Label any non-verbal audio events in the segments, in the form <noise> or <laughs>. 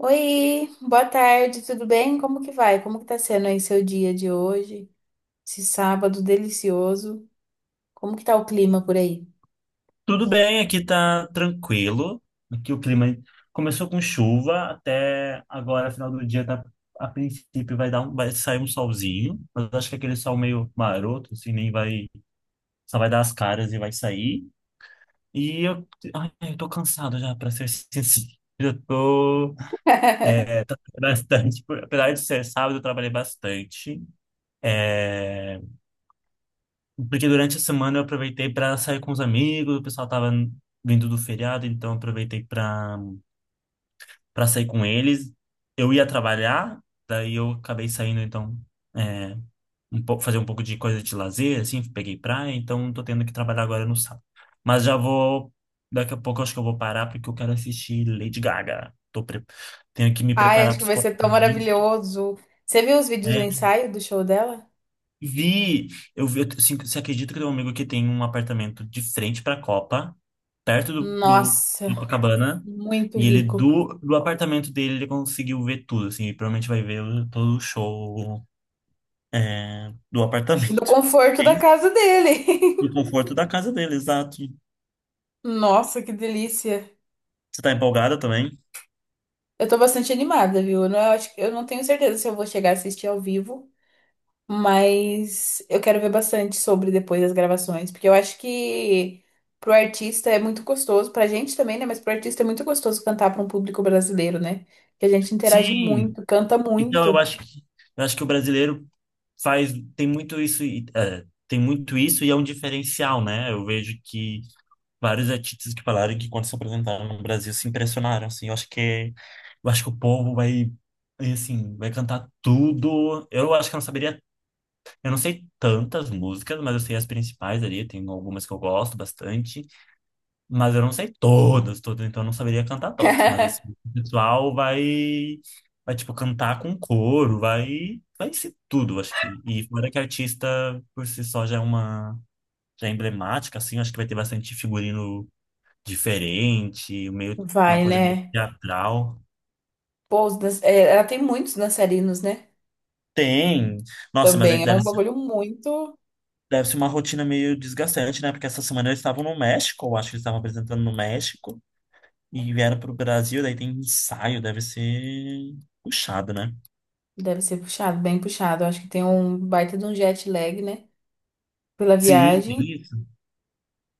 Oi, boa tarde, tudo bem? Como que vai? Como que tá sendo aí seu dia de hoje? Esse sábado delicioso. Como que tá o clima por aí? Tudo bem, aqui tá tranquilo. Aqui o clima começou com chuva, até agora, final do dia, tá, a princípio vai dar um, vai sair um solzinho, mas acho que aquele sol meio maroto, assim, nem vai, só vai dar as caras e vai sair. E eu, ai, eu tô cansado já, pra ser sincero. Eu tô é, <laughs> bastante, apesar de ser sábado, eu trabalhei bastante. é, Porque durante a semana eu aproveitei para sair com os amigos, o pessoal tava vindo do feriado, então eu aproveitei para sair com eles. Eu ia trabalhar, daí eu acabei saindo, então, é, um pouco, fazer um pouco de coisa de lazer, assim, peguei praia, então tô tendo que trabalhar agora no sábado. Mas já vou, daqui a pouco eu acho que eu vou parar porque eu quero assistir Lady Gaga. Tenho que me Ai, preparar acho que vai ser tão psicologicamente. maravilhoso. Você viu os vídeos do Né? ensaio do show dela? Vi, vi, eu, assim, você acredita que tem um amigo que tem um apartamento de frente para a Copa, perto Nossa, do Copacabana, muito e ele rico. Do apartamento dele ele conseguiu ver tudo, assim, e provavelmente vai todo o show do Do apartamento. <laughs> conforto da Tem casa dele. no conforto da casa dele, exato. <laughs> Nossa, que delícia. Você tá empolgada também? Eu tô bastante animada, viu? Eu não tenho certeza se eu vou chegar a assistir ao vivo. Mas eu quero ver bastante sobre depois das gravações, porque eu acho que pro artista é muito gostoso, pra gente também, né? Mas pro artista é muito gostoso cantar pra um público brasileiro, né? Que a gente interage Sim, muito, canta então eu muito. acho que eu acho que o brasileiro faz tem muito isso e, é, tem muito isso e é um diferencial, né? Eu vejo que vários artistas que falaram que quando se apresentaram no Brasil se impressionaram, assim, eu acho que o povo vai e, assim, vai cantar tudo. Eu acho que eu não saberia, eu não sei tantas músicas, mas eu sei as principais ali, tem algumas que eu gosto bastante, mas eu não sei todas, todas, então eu não saberia cantar todas, mas assim, <laughs> o pessoal vai tipo cantar com coro, vai ser tudo, eu acho que. E fora que artista por si só já é emblemática assim, eu acho que vai ter bastante figurino diferente, meio, uma Vai, coisa meio né? teatral. Pô, ela tem muitos dançarinos, né? Tem. Nossa, mas Também é um bagulho muito. deve ser uma rotina meio desgastante, né? Porque essa semana eles estavam no México, eu acho que eles estavam apresentando no México e vieram para o Brasil, daí tem ensaio, deve ser puxado, né? Deve ser puxado, bem puxado. Eu acho que tem um baita de um jet lag, né? Pela Sim, tem viagem. isso.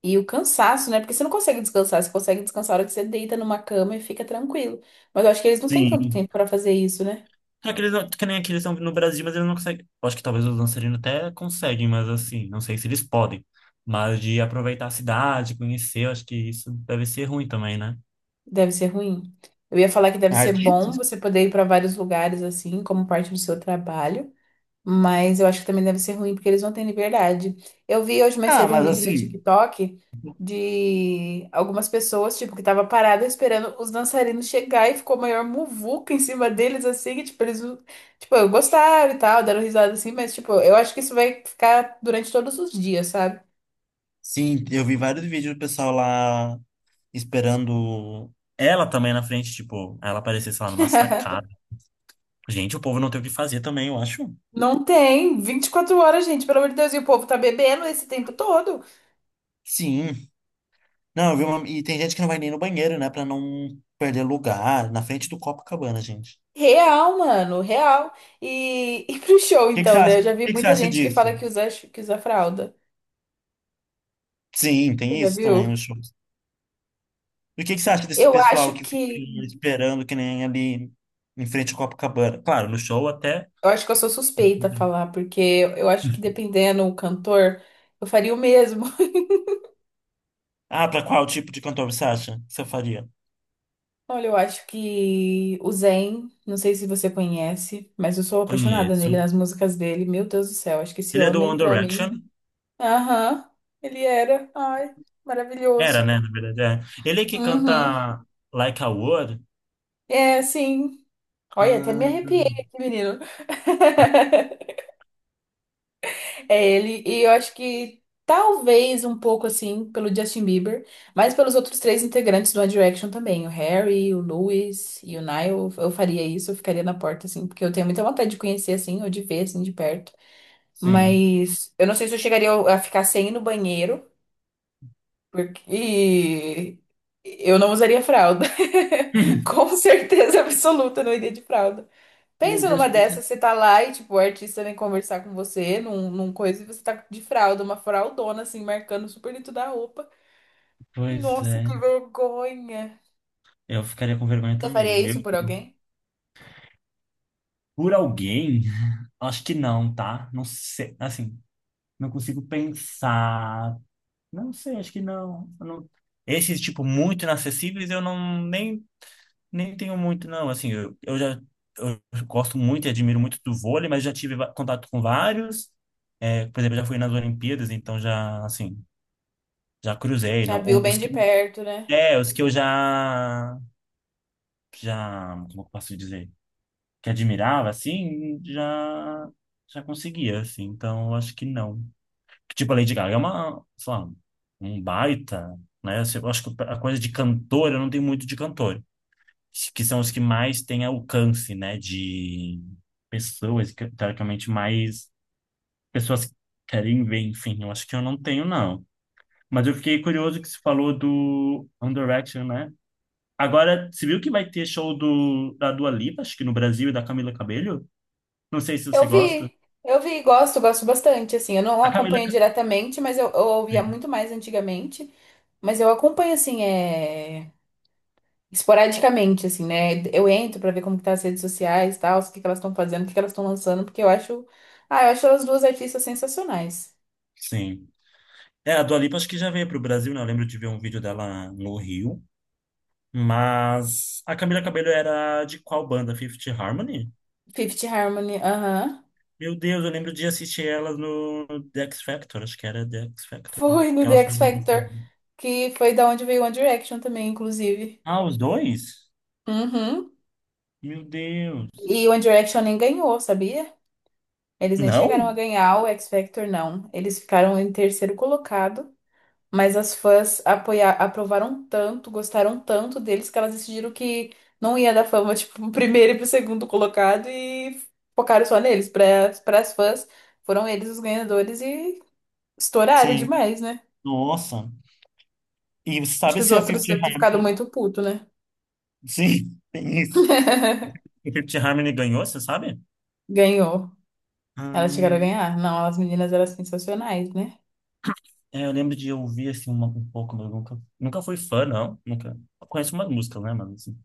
E o cansaço, né? Porque você não consegue descansar, você consegue descansar a hora que você deita numa cama e fica tranquilo. Mas eu acho que eles não têm tanto Sim. tempo pra fazer isso, né? Só que eles não, que nem aqui eles estão no Brasil, mas eles não conseguem. Eu acho que talvez os dançarinos até conseguem, mas assim, não sei se eles podem. Mas de aproveitar a cidade, conhecer, eu acho que isso deve ser ruim também, né? Deve ser ruim. Eu ia falar que deve ser bom Artistas? você poder ir pra vários lugares assim, como parte do seu trabalho. Mas eu acho que também deve ser ruim, porque eles não têm liberdade. Eu vi hoje mais Ah, cedo um mas vídeo no assim. TikTok de algumas pessoas, tipo, que tava parada esperando os dançarinos chegar e ficou a maior muvuca em cima deles, assim, que, tipo, eles, não- tipo, gostaram e tal, deram risada assim, mas, tipo, eu acho que isso vai ficar durante todos os dias, sabe? Sim, eu vi vários vídeos do pessoal lá esperando ela também na frente, tipo, ela aparecer, sei lá, numa sacada. <laughs> Gente, o povo não tem o que fazer também, eu acho. Não tem 24 horas, gente, pelo amor de Deus, e o povo tá bebendo esse tempo todo. Sim. Não, eu vi uma... E tem gente que não vai nem no banheiro, né? Pra não perder lugar na frente do Copacabana, gente. Real, mano, real. E, <laughs> e pro show, O que que você então, acha? né? O Eu já vi que que você muita acha gente que disso? fala que usa fralda. Sim, Você tem já isso também viu? nos shows. E o que que você acha desse Eu acho pessoal que fica que. esperando que nem ali em frente ao Copacabana? Claro, no show até. Eu acho que eu sou suspeita a falar, porque eu acho que dependendo do cantor, eu faria o mesmo. Ah, pra qual tipo de cantor você acha que você faria? <laughs> Olha, eu acho que o Zayn, não sei se você conhece, mas eu sou apaixonada Conheço. nele, nas músicas dele. Meu Deus do céu, acho que esse Ele é do homem, One pra mim. Direction? Aham, ele era. Ai, maravilhoso. Era, né? Na verdade, é. Ele é que Uhum. canta Like a Word? É, sim. Olha, até me Ah, arrepiei aqui, menino. <laughs> É ele. E eu acho que talvez um pouco assim pelo Justin Bieber, mas pelos outros três integrantes do One Direction também, o Harry, o Louis e o Niall, eu faria isso, eu ficaria na porta assim, porque eu tenho muita vontade de conhecer assim, ou de ver assim de perto. sim. Mas eu não sei se eu chegaria a ficar sem ir no banheiro, porque e eu não usaria fralda. <laughs> Com <laughs> certeza absoluta, eu não iria de fralda. Meu Pensa Deus, numa dessas, você tá lá e, tipo, o artista vem conversar com você num coisa e você tá de fralda, uma fraldona, assim, marcando super dentro da roupa. pois Nossa, é. que vergonha. Eu ficaria com vergonha Você faria também. isso por alguém? Por alguém? Acho que não, tá? Não sei. Assim, não consigo pensar. Não sei, acho que não. Eu não- Esses, tipo, muito inacessíveis, eu não nem tenho muito, não. Assim, eu já eu gosto muito e admiro muito do vôlei, mas já tive contato com vários. É, por exemplo, eu já fui nas Olimpíadas, então já, assim, já cruzei. Já Não, viu bem os de que, perto, né? Os que eu já, já, como eu posso dizer, que admirava, assim, já, já conseguia, assim. Então, eu acho que não. Tipo, a Lady Gaga é uma, sei lá, um baita, né? Eu acho que a coisa de cantora, eu não tenho muito de cantor. Que são os que mais têm alcance, né, de pessoas, que, teoricamente mais pessoas querem ver, enfim, eu acho que eu não tenho, não. Mas eu fiquei curioso que você falou do One Direction, né? Agora, você viu que vai ter show da Dua Lipa, acho que no Brasil, e da Camila Cabello? Não sei se você Eu gosta. vi, eu vi, gosto, gosto bastante, assim. Eu não A Camila acompanho diretamente, mas eu ouvia Cabello. muito mais antigamente. Mas eu acompanho, assim, é. Esporadicamente, assim, né? Eu entro pra ver como que tá as redes sociais e tal, o que que elas estão fazendo, o que que elas estão lançando, porque eu acho. Ah, eu acho elas duas artistas sensacionais. Sim. É, a Dua Lipa acho que já veio para o Brasil, né? Eu lembro de ver um vídeo dela no Rio. Mas a Camila Cabello era de qual banda? Fifth Harmony? Fifth Harmony, aham. Meu Deus, eu lembro de assistir elas no The X Factor, acho que era The X Factor. Foi no Que The elas foram X Factor, lançadas. que foi da onde veio One Direction também, inclusive. Ah, os dois? Uhum. Meu Deus. E One Direction nem ganhou, sabia? Eles nem chegaram Não? a ganhar o X Factor, não. Eles ficaram em terceiro colocado. Mas as fãs aprovaram tanto, gostaram tanto deles, que elas decidiram que não ia dar fama, <laughs> tipo, pro primeiro e pro segundo colocado e focaram só neles. Para as fãs, foram eles os ganhadores e estouraram Sim. demais, né? Nossa. E você Acho que sabe os se a outros Fifty devem ter Harmony... ficado muito puto, né? <laughs> Sim, tem isso. <laughs> A Fifty Harmony ganhou, você sabe? Ganhou. Elas chegaram a Hum, ganhar? Não, as meninas eram sensacionais, né? é, eu lembro de ouvir assim uma, um pouco, mas eu nunca, nunca fui fã, não. Nunca. Eu conheço umas músicas, né, mano assim.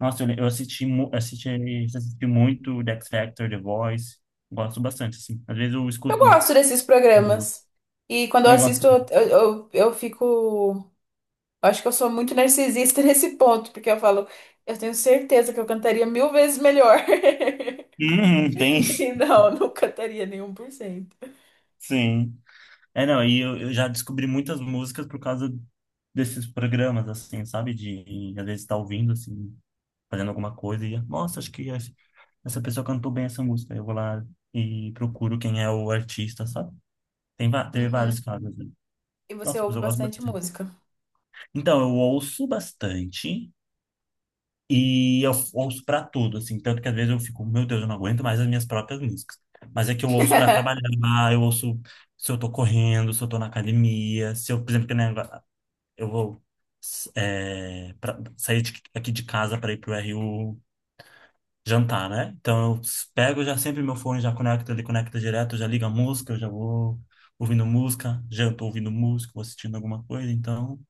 Nossa, assisti, assisti muito The X Factor, The Voice. Gosto bastante, assim. Às vezes eu Eu escuto um. gosto desses programas. E quando eu Eu gosto. assisto, eu fico. Acho que eu sou muito narcisista <laughs> nesse ponto, porque eu falo, eu tenho certeza que eu cantaria mil vezes melhor. <laughs> Uhum, tem, E não, não cantaria nenhum por cento. sim. É, não, eu já descobri muitas músicas por causa desses programas, assim, sabe? De, às vezes, tá ouvindo, assim, fazendo alguma coisa e, nossa, acho que essa pessoa cantou bem essa música. Eu vou lá e procuro quem é o artista, sabe? Tem, teve vários Uhum. casos, né? E você Nossa, mas ouve eu gosto bastante bastante. música. Então, eu ouço bastante. E eu ouço pra tudo, assim. Tanto que às vezes eu fico, meu Deus, eu não aguento mais as minhas próprias músicas. Mas é que eu ouço pra <laughs> trabalhar, eu ouço se eu tô correndo, se eu tô na academia, se eu, por exemplo, que nem agora, eu vou aqui de casa pra ir pro RU jantar, né? Então eu pego já sempre meu fone, já conecto, ele conecta direto, já liga a música, eu já vou ouvindo música, janto ouvindo música, vou assistindo alguma coisa, então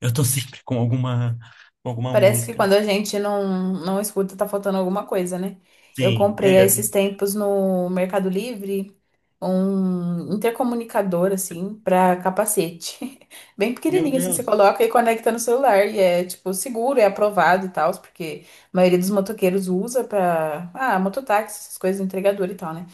eu tô <laughs> sempre com alguma Parece que música. quando a gente não escuta, tá faltando alguma coisa, né? Eu Sim, é. comprei há esses tempos no Mercado Livre um intercomunicador, assim, pra capacete. <laughs> Bem Meu pequenininho, assim, você Deus. coloca e conecta no celular. E é, tipo, seguro, é aprovado e tal, porque a maioria dos motoqueiros usa pra. Ah, mototáxi, essas coisas, entregador e tal, né?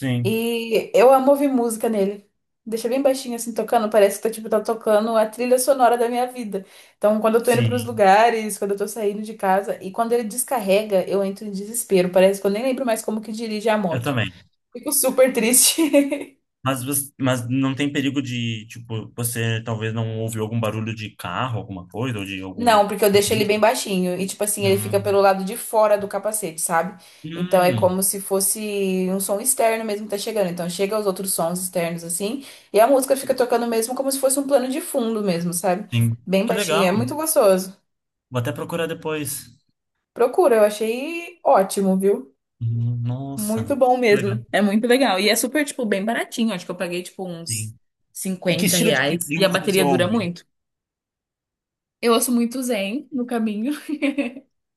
Sim, E eu amo ouvir música nele. Deixa bem baixinho assim tocando, parece que tá, tipo, tá tocando a trilha sonora da minha vida. Então, quando eu tô indo pros sim, lugares, quando eu tô saindo de casa, e quando ele descarrega, eu entro em desespero. Parece que eu nem lembro mais como que dirige a eu moto. também. Fico super triste. <laughs> Mas, mas não tem perigo de, tipo, você talvez não ouviu algum barulho de carro, alguma coisa, ou de algum. Não, porque eu deixo ele bem baixinho. E, tipo assim, ele fica pelo Hum, lado de fora do capacete, sabe? Então é hum, como se fosse um som externo mesmo que tá chegando. Então chega os outros sons externos, assim. E a música fica tocando mesmo como se fosse um plano de fundo mesmo, sabe? sim. Bem Que baixinho. É legal. muito gostoso. Vou até procurar depois. Procura, eu achei ótimo, viu? Hum. Muito Nossa, bom que mesmo. legal. É muito legal. E é super, tipo, bem baratinho. Acho que eu paguei, tipo, uns Sim. E que 50 estilo reais. de E a música você bateria dura ouve? muito. Eu ouço muito Zen no caminho.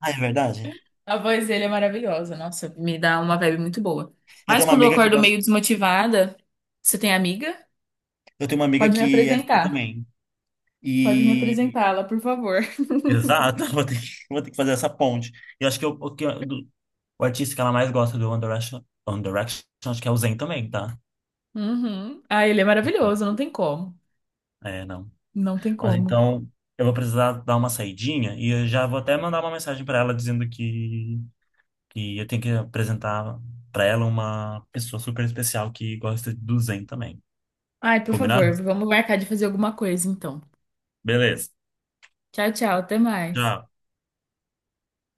Ah, é verdade? A voz dele é maravilhosa, nossa, me dá uma vibe muito boa. Eu Mas tenho uma quando eu amiga que acordo meio gosta. desmotivada, você tem amiga? Eu tenho uma amiga Pode me que é fã apresentar. também. Pode me E... apresentá-la, por favor. Exato, <laughs> vou ter que fazer essa ponte. E acho que, eu, o, que eu- do- o artista que ela mais gosta do One Direction, acho que é o Zayn também, tá? Uhum. Ah, ele é maravilhoso, não tem como. É, não. Não tem Mas como. então, eu vou precisar dar uma saidinha e eu já vou até mandar uma mensagem para ela dizendo que eu tenho que apresentar para ela uma pessoa super especial que gosta do Zen também. Ai, por Combinado? favor, vamos marcar de fazer alguma coisa então. Beleza. Tchau, tchau, até mais. Tchau.